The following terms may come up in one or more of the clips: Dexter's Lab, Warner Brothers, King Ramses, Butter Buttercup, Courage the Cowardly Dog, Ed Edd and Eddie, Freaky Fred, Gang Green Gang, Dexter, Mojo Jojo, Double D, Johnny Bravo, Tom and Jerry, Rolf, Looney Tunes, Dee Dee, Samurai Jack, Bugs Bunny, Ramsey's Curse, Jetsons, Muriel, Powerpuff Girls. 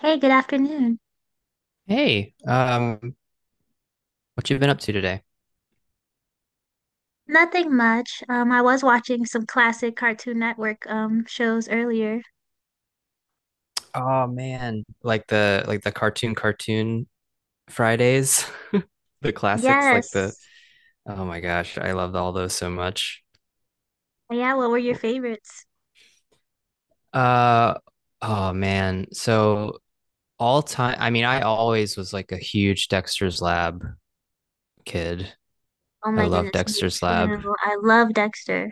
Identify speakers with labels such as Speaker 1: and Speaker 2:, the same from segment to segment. Speaker 1: Hey, good afternoon.
Speaker 2: Hey, what you been up to today?
Speaker 1: Nothing much. I was watching some classic Cartoon Network shows earlier.
Speaker 2: Oh man, like the cartoon Fridays, the classics, like the
Speaker 1: Yes.
Speaker 2: oh my gosh, I loved all those so much.
Speaker 1: Yeah, what were your favorites?
Speaker 2: Uh, oh man, so all time, I mean, I always was like a huge Dexter's Lab kid.
Speaker 1: Oh
Speaker 2: I
Speaker 1: my
Speaker 2: love
Speaker 1: goodness, me
Speaker 2: Dexter's Lab.
Speaker 1: too. I love Dexter.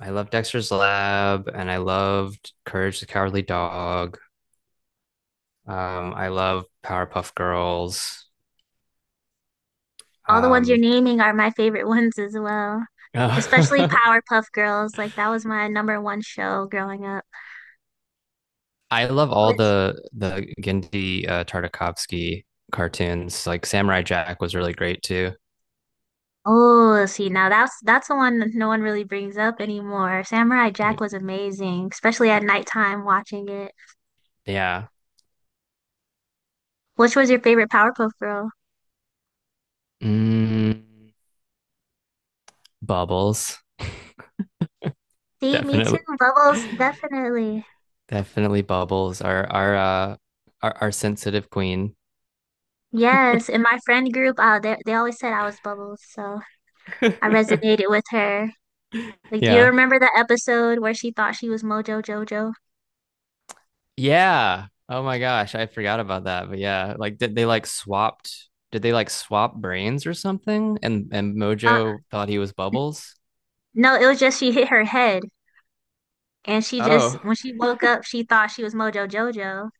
Speaker 2: I love Dexter's Lab, and I loved Courage the Cowardly Dog. I love Powerpuff Girls.
Speaker 1: All the ones you're
Speaker 2: Um,
Speaker 1: naming are my favorite ones as well. Especially Powerpuff Girls. Like that was my number one show growing up.
Speaker 2: I love all
Speaker 1: Was-
Speaker 2: the Gendy Tartakovsky cartoons. Like Samurai Jack was really great too.
Speaker 1: Oh, see now that's the one that no one really brings up anymore. Samurai Jack was amazing, especially at nighttime watching it.
Speaker 2: Yeah.
Speaker 1: Which was your favorite Powerpuff Girl?
Speaker 2: Mm, Bubbles,
Speaker 1: See, me too.
Speaker 2: definitely,
Speaker 1: Bubbles, definitely.
Speaker 2: definitely Bubbles. Our our sensitive queen.
Speaker 1: Yes, in my friend group, they always said I was Bubbles, so I resonated with her. Like, do you
Speaker 2: Yeah.
Speaker 1: remember the episode where she thought she was Mojo Jojo?
Speaker 2: Yeah. Oh my gosh, I forgot about that. But yeah, like did they like swapped? Did they like swap brains or something? And
Speaker 1: Uh,
Speaker 2: Mojo thought he was Bubbles.
Speaker 1: no, it was just she hit her head, and she just
Speaker 2: Oh,
Speaker 1: when she woke up, she thought she was Mojo Jojo,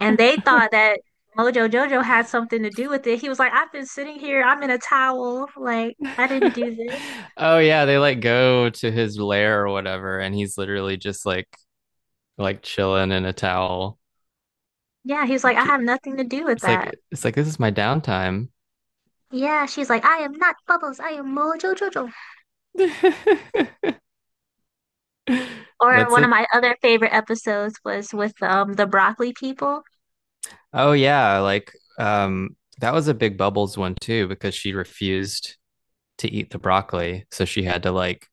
Speaker 1: and they thought that Mojo Jojo had something to do with it. He was like, "I've been sitting here, I'm in a towel, like I didn't do this."
Speaker 2: oh yeah, they like go to his lair or whatever, and he's literally just like chilling in a towel.
Speaker 1: Yeah, he was like, "I
Speaker 2: J-
Speaker 1: have nothing to do with
Speaker 2: It's like
Speaker 1: that."
Speaker 2: it's like this is my downtime.
Speaker 1: Yeah, she's like, "I am not Bubbles, I am Mojo Jojo." Or
Speaker 2: That's
Speaker 1: one of
Speaker 2: it.
Speaker 1: my other favorite episodes was with the broccoli people.
Speaker 2: Oh yeah, like that was a big Bubbles one too because she refused to eat the broccoli, so she had to like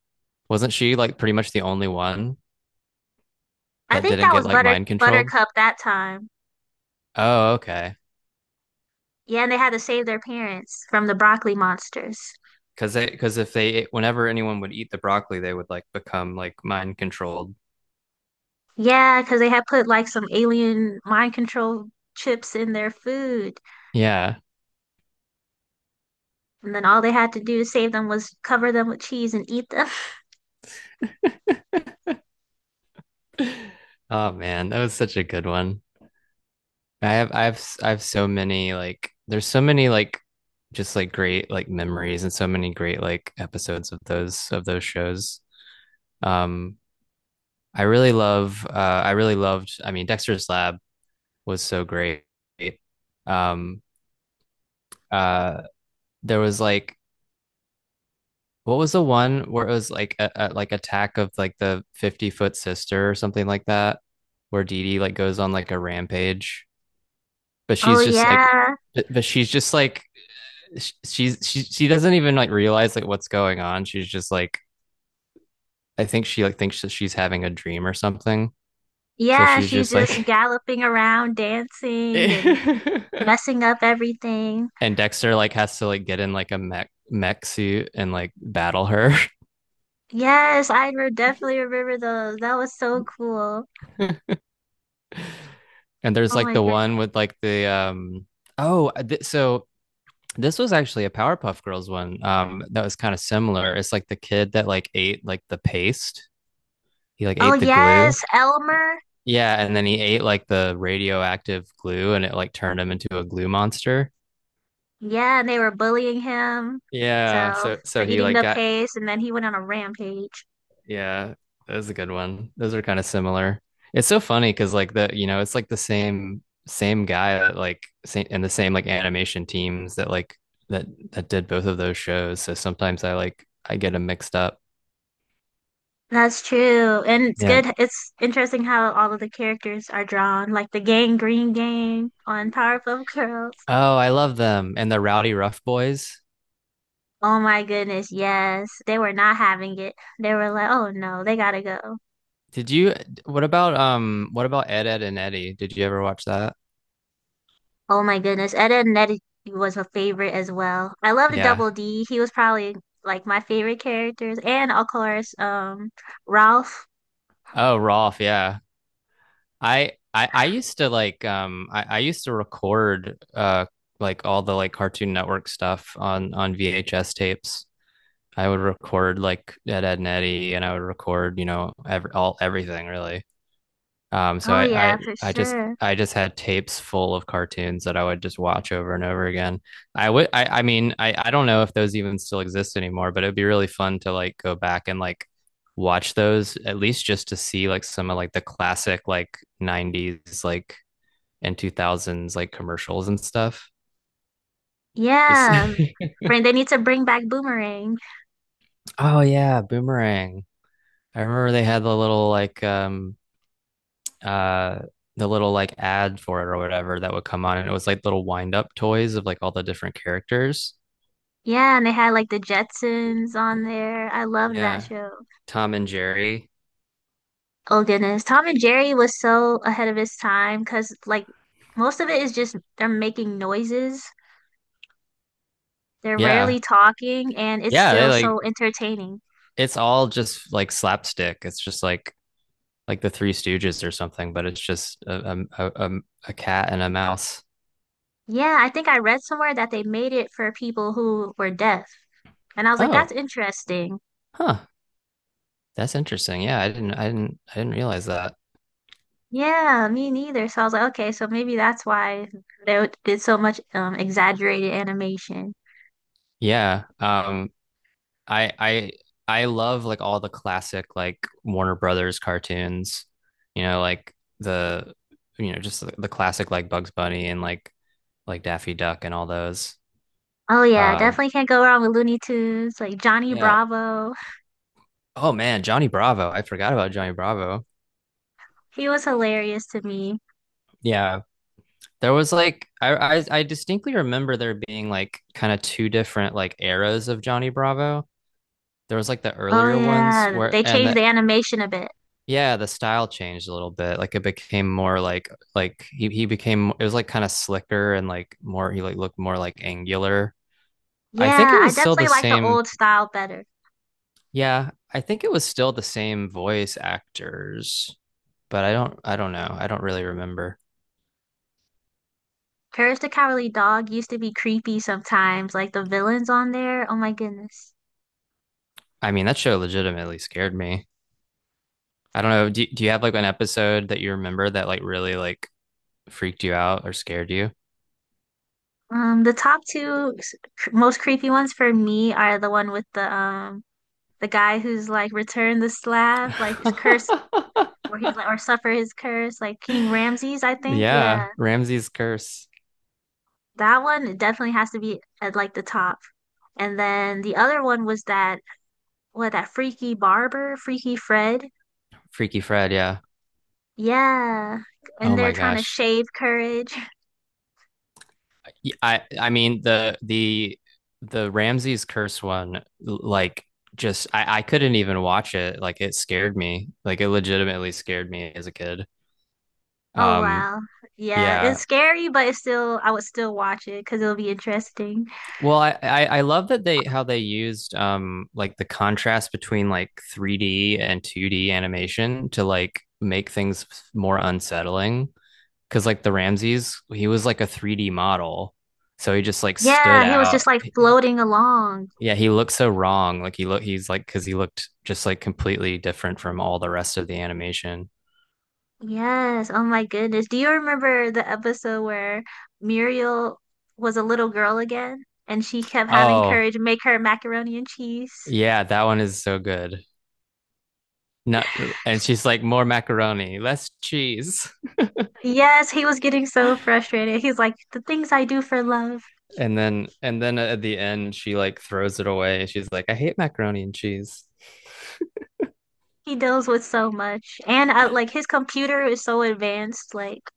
Speaker 2: wasn't she like pretty much the only one
Speaker 1: I
Speaker 2: that
Speaker 1: think
Speaker 2: didn't
Speaker 1: that
Speaker 2: get
Speaker 1: was
Speaker 2: like mind controlled?
Speaker 1: Buttercup that time.
Speaker 2: Oh, okay.
Speaker 1: Yeah, and they had to save their parents from the broccoli monsters.
Speaker 2: Because they because if they whenever anyone would eat the broccoli, they would like become like mind controlled.
Speaker 1: Yeah, because they had put like some alien mind control chips in their food,
Speaker 2: Yeah.
Speaker 1: and then all they had to do to save them was cover them with cheese and eat them.
Speaker 2: Oh man, that was such a good one. I have so many like there's so many like just like great like memories and so many great like episodes of those shows. Um I really love I really loved I mean Dexter's Lab was so great. Um uh there was like what was the one where it was like a like attack of like the 50-foot sister or something like that, where Dee Dee like goes on like a rampage, but
Speaker 1: Oh yeah.
Speaker 2: she's just like, she doesn't even like realize like what's going on. She's just like, I think she like thinks that she's having a dream or something. So
Speaker 1: Yeah,
Speaker 2: she's
Speaker 1: she's
Speaker 2: just
Speaker 1: just
Speaker 2: like,
Speaker 1: galloping around, dancing and
Speaker 2: and
Speaker 1: messing up everything.
Speaker 2: Dexter like has to like get in like a mech suit and like battle her.
Speaker 1: Yes, definitely remember those. That was so cool.
Speaker 2: And there's
Speaker 1: Oh
Speaker 2: like
Speaker 1: my
Speaker 2: the one
Speaker 1: goodness.
Speaker 2: with like the oh this was actually a Powerpuff Girls one. That was kind of similar. It's like the kid that like ate like the paste. He like
Speaker 1: Oh
Speaker 2: ate the glue.
Speaker 1: yes, Elmer.
Speaker 2: Yeah, and then he ate like the radioactive glue, and it like turned him into a glue monster.
Speaker 1: Yeah, and they were bullying him.
Speaker 2: Yeah,
Speaker 1: So
Speaker 2: so
Speaker 1: for
Speaker 2: so he
Speaker 1: eating
Speaker 2: like
Speaker 1: the
Speaker 2: got
Speaker 1: paste and then he went on a rampage.
Speaker 2: yeah, that was a good one. Those are kind of similar. It's so funny because like the you know it's like the same guy that like same, and the same like animation teams that like that that did both of those shows. So sometimes I like I get them mixed up.
Speaker 1: That's true. And it's
Speaker 2: Yeah.
Speaker 1: good. It's interesting how all of the characters are drawn, like the gang Green Gang on Powerpuff Girls.
Speaker 2: Oh, I love them and the Rowdy Rough Boys.
Speaker 1: Oh my goodness, yes. They were not having it. They were like, oh no, they gotta go.
Speaker 2: Did you what about Ed Ed and Eddie? Did you ever watch that?
Speaker 1: Oh my goodness. Ed and Eddie was a favorite as well. I love the
Speaker 2: Yeah.
Speaker 1: Double D. He was probably like my favorite characters. And of course, Ralph.
Speaker 2: Oh, Rolf, yeah. I used to like I used to record like all the like Cartoon Network stuff on VHS tapes. I would record like Ed Ed and Eddie and I would record, you know, everything really. So
Speaker 1: Oh
Speaker 2: I,
Speaker 1: yeah,
Speaker 2: I
Speaker 1: for
Speaker 2: I just
Speaker 1: sure.
Speaker 2: I just had tapes full of cartoons that I would just watch over and over again. I mean I don't know if those even still exist anymore, but it'd be really fun to like go back and like watch those at least just to see like some of like the classic like 90s like and 2000s like commercials and stuff. Just
Speaker 1: Yeah. They need to bring back Boomerang.
Speaker 2: oh yeah, Boomerang. I remember they had uh the little like ad for it or whatever that would come on and it was like little wind up toys of like all the different characters.
Speaker 1: Yeah, and they had like the Jetsons on there. I loved that
Speaker 2: Yeah.
Speaker 1: show.
Speaker 2: Tom and Jerry.
Speaker 1: Oh goodness. Tom and Jerry was so ahead of his time because like most of it is just they're making noises. They're
Speaker 2: Yeah.
Speaker 1: rarely talking and it's
Speaker 2: Yeah, they
Speaker 1: still
Speaker 2: like
Speaker 1: so entertaining.
Speaker 2: it's all just like slapstick. It's just like the Three Stooges or something, but it's just a cat and a mouse.
Speaker 1: Yeah, I think I read somewhere that they made it for people who were deaf. And I was like, that's
Speaker 2: Oh,
Speaker 1: interesting.
Speaker 2: huh. That's interesting. Yeah, I didn't realize that.
Speaker 1: Yeah, me neither. So I was like, okay, so maybe that's why they did so much exaggerated animation.
Speaker 2: Yeah. I I love like all the classic like Warner Brothers cartoons, you know, like the you know just the classic like Bugs Bunny and like Daffy Duck and all those.
Speaker 1: Oh yeah,
Speaker 2: Um,
Speaker 1: definitely can't go wrong with Looney Tunes, like Johnny
Speaker 2: yeah.
Speaker 1: Bravo.
Speaker 2: Oh man, Johnny Bravo. I forgot about Johnny Bravo.
Speaker 1: He was hilarious to me.
Speaker 2: Yeah. There was like I distinctly remember there being like kind of two different like eras of Johnny Bravo. There was like the
Speaker 1: Oh
Speaker 2: earlier ones
Speaker 1: yeah,
Speaker 2: where
Speaker 1: they
Speaker 2: and
Speaker 1: changed
Speaker 2: the
Speaker 1: the animation a bit.
Speaker 2: yeah, the style changed a little bit. Like it became more like he became it was like kind of slicker and like more he like looked more like angular. I think
Speaker 1: Yeah,
Speaker 2: it
Speaker 1: I
Speaker 2: was still the
Speaker 1: definitely like the
Speaker 2: same.
Speaker 1: old style better.
Speaker 2: Yeah, I think it was still the same voice actors, but I don't know. I don't really remember.
Speaker 1: Courage the Cowardly Dog used to be creepy sometimes, like the villains on there. Oh my goodness.
Speaker 2: I mean, that show legitimately scared me. I don't know. Do you have like an episode that you remember that like really like freaked you out or scared you?
Speaker 1: The top two most creepy ones for me are the one with the guy who's like returned the slab, like his curse, or he's like or suffer his curse, like King Ramses, I think. Yeah,
Speaker 2: Yeah, Ramsey's Curse.
Speaker 1: that one definitely has to be at like the top. And then the other one was that what that freaky barber, Freaky Fred.
Speaker 2: Freaky Fred, yeah.
Speaker 1: Yeah, and
Speaker 2: Oh
Speaker 1: they're
Speaker 2: my
Speaker 1: trying to
Speaker 2: gosh.
Speaker 1: shave courage.
Speaker 2: I mean the Ramses curse one like just I couldn't even watch it. Like it scared me. Like it legitimately scared me as a kid.
Speaker 1: Oh
Speaker 2: Um
Speaker 1: wow, yeah, it's
Speaker 2: yeah.
Speaker 1: scary, but it's still I would still watch it because it'll be interesting.
Speaker 2: Well, I love that they how they used like the contrast between like 3D and 2D animation to like make things more unsettling. Cause like the Ramses, he was like a 3D model. So he just like stood
Speaker 1: Yeah, he was
Speaker 2: out
Speaker 1: just like floating along.
Speaker 2: yeah, he looks so wrong. Like he's like because he looked just like completely different from all the rest of the animation.
Speaker 1: Yes, oh my goodness. Do you remember the episode where Muriel was a little girl again and she kept having
Speaker 2: Oh,
Speaker 1: courage make her macaroni and cheese?
Speaker 2: yeah, that one is so good. Not and she's like more macaroni, less cheese.
Speaker 1: Yes, he was getting so frustrated. He's like, the things I do for love.
Speaker 2: And then at the end she like throws it away. She's like, I hate macaroni and cheese.
Speaker 1: He deals with so much. And I, like his computer is so advanced. Like,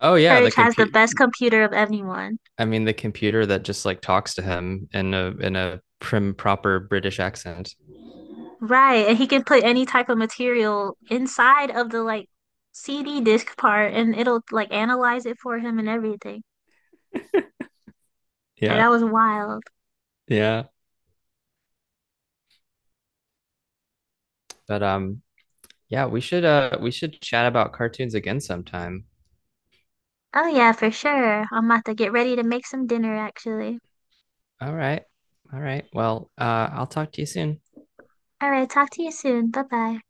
Speaker 2: Oh yeah, the
Speaker 1: Courage has the
Speaker 2: compute
Speaker 1: best computer of anyone.
Speaker 2: I mean the computer that just like talks to him in a prim proper British accent.
Speaker 1: Right, and he can put any type of material inside of the like CD disc part and it'll like analyze it for him and everything. Like
Speaker 2: Yeah.
Speaker 1: that was wild.
Speaker 2: Yeah. But yeah, we should chat about cartoons again sometime.
Speaker 1: Oh yeah, for sure. I'm about to get ready to make some dinner actually.
Speaker 2: All right. All right. Well, I'll talk to you soon.
Speaker 1: All right, talk to you soon. Bye bye.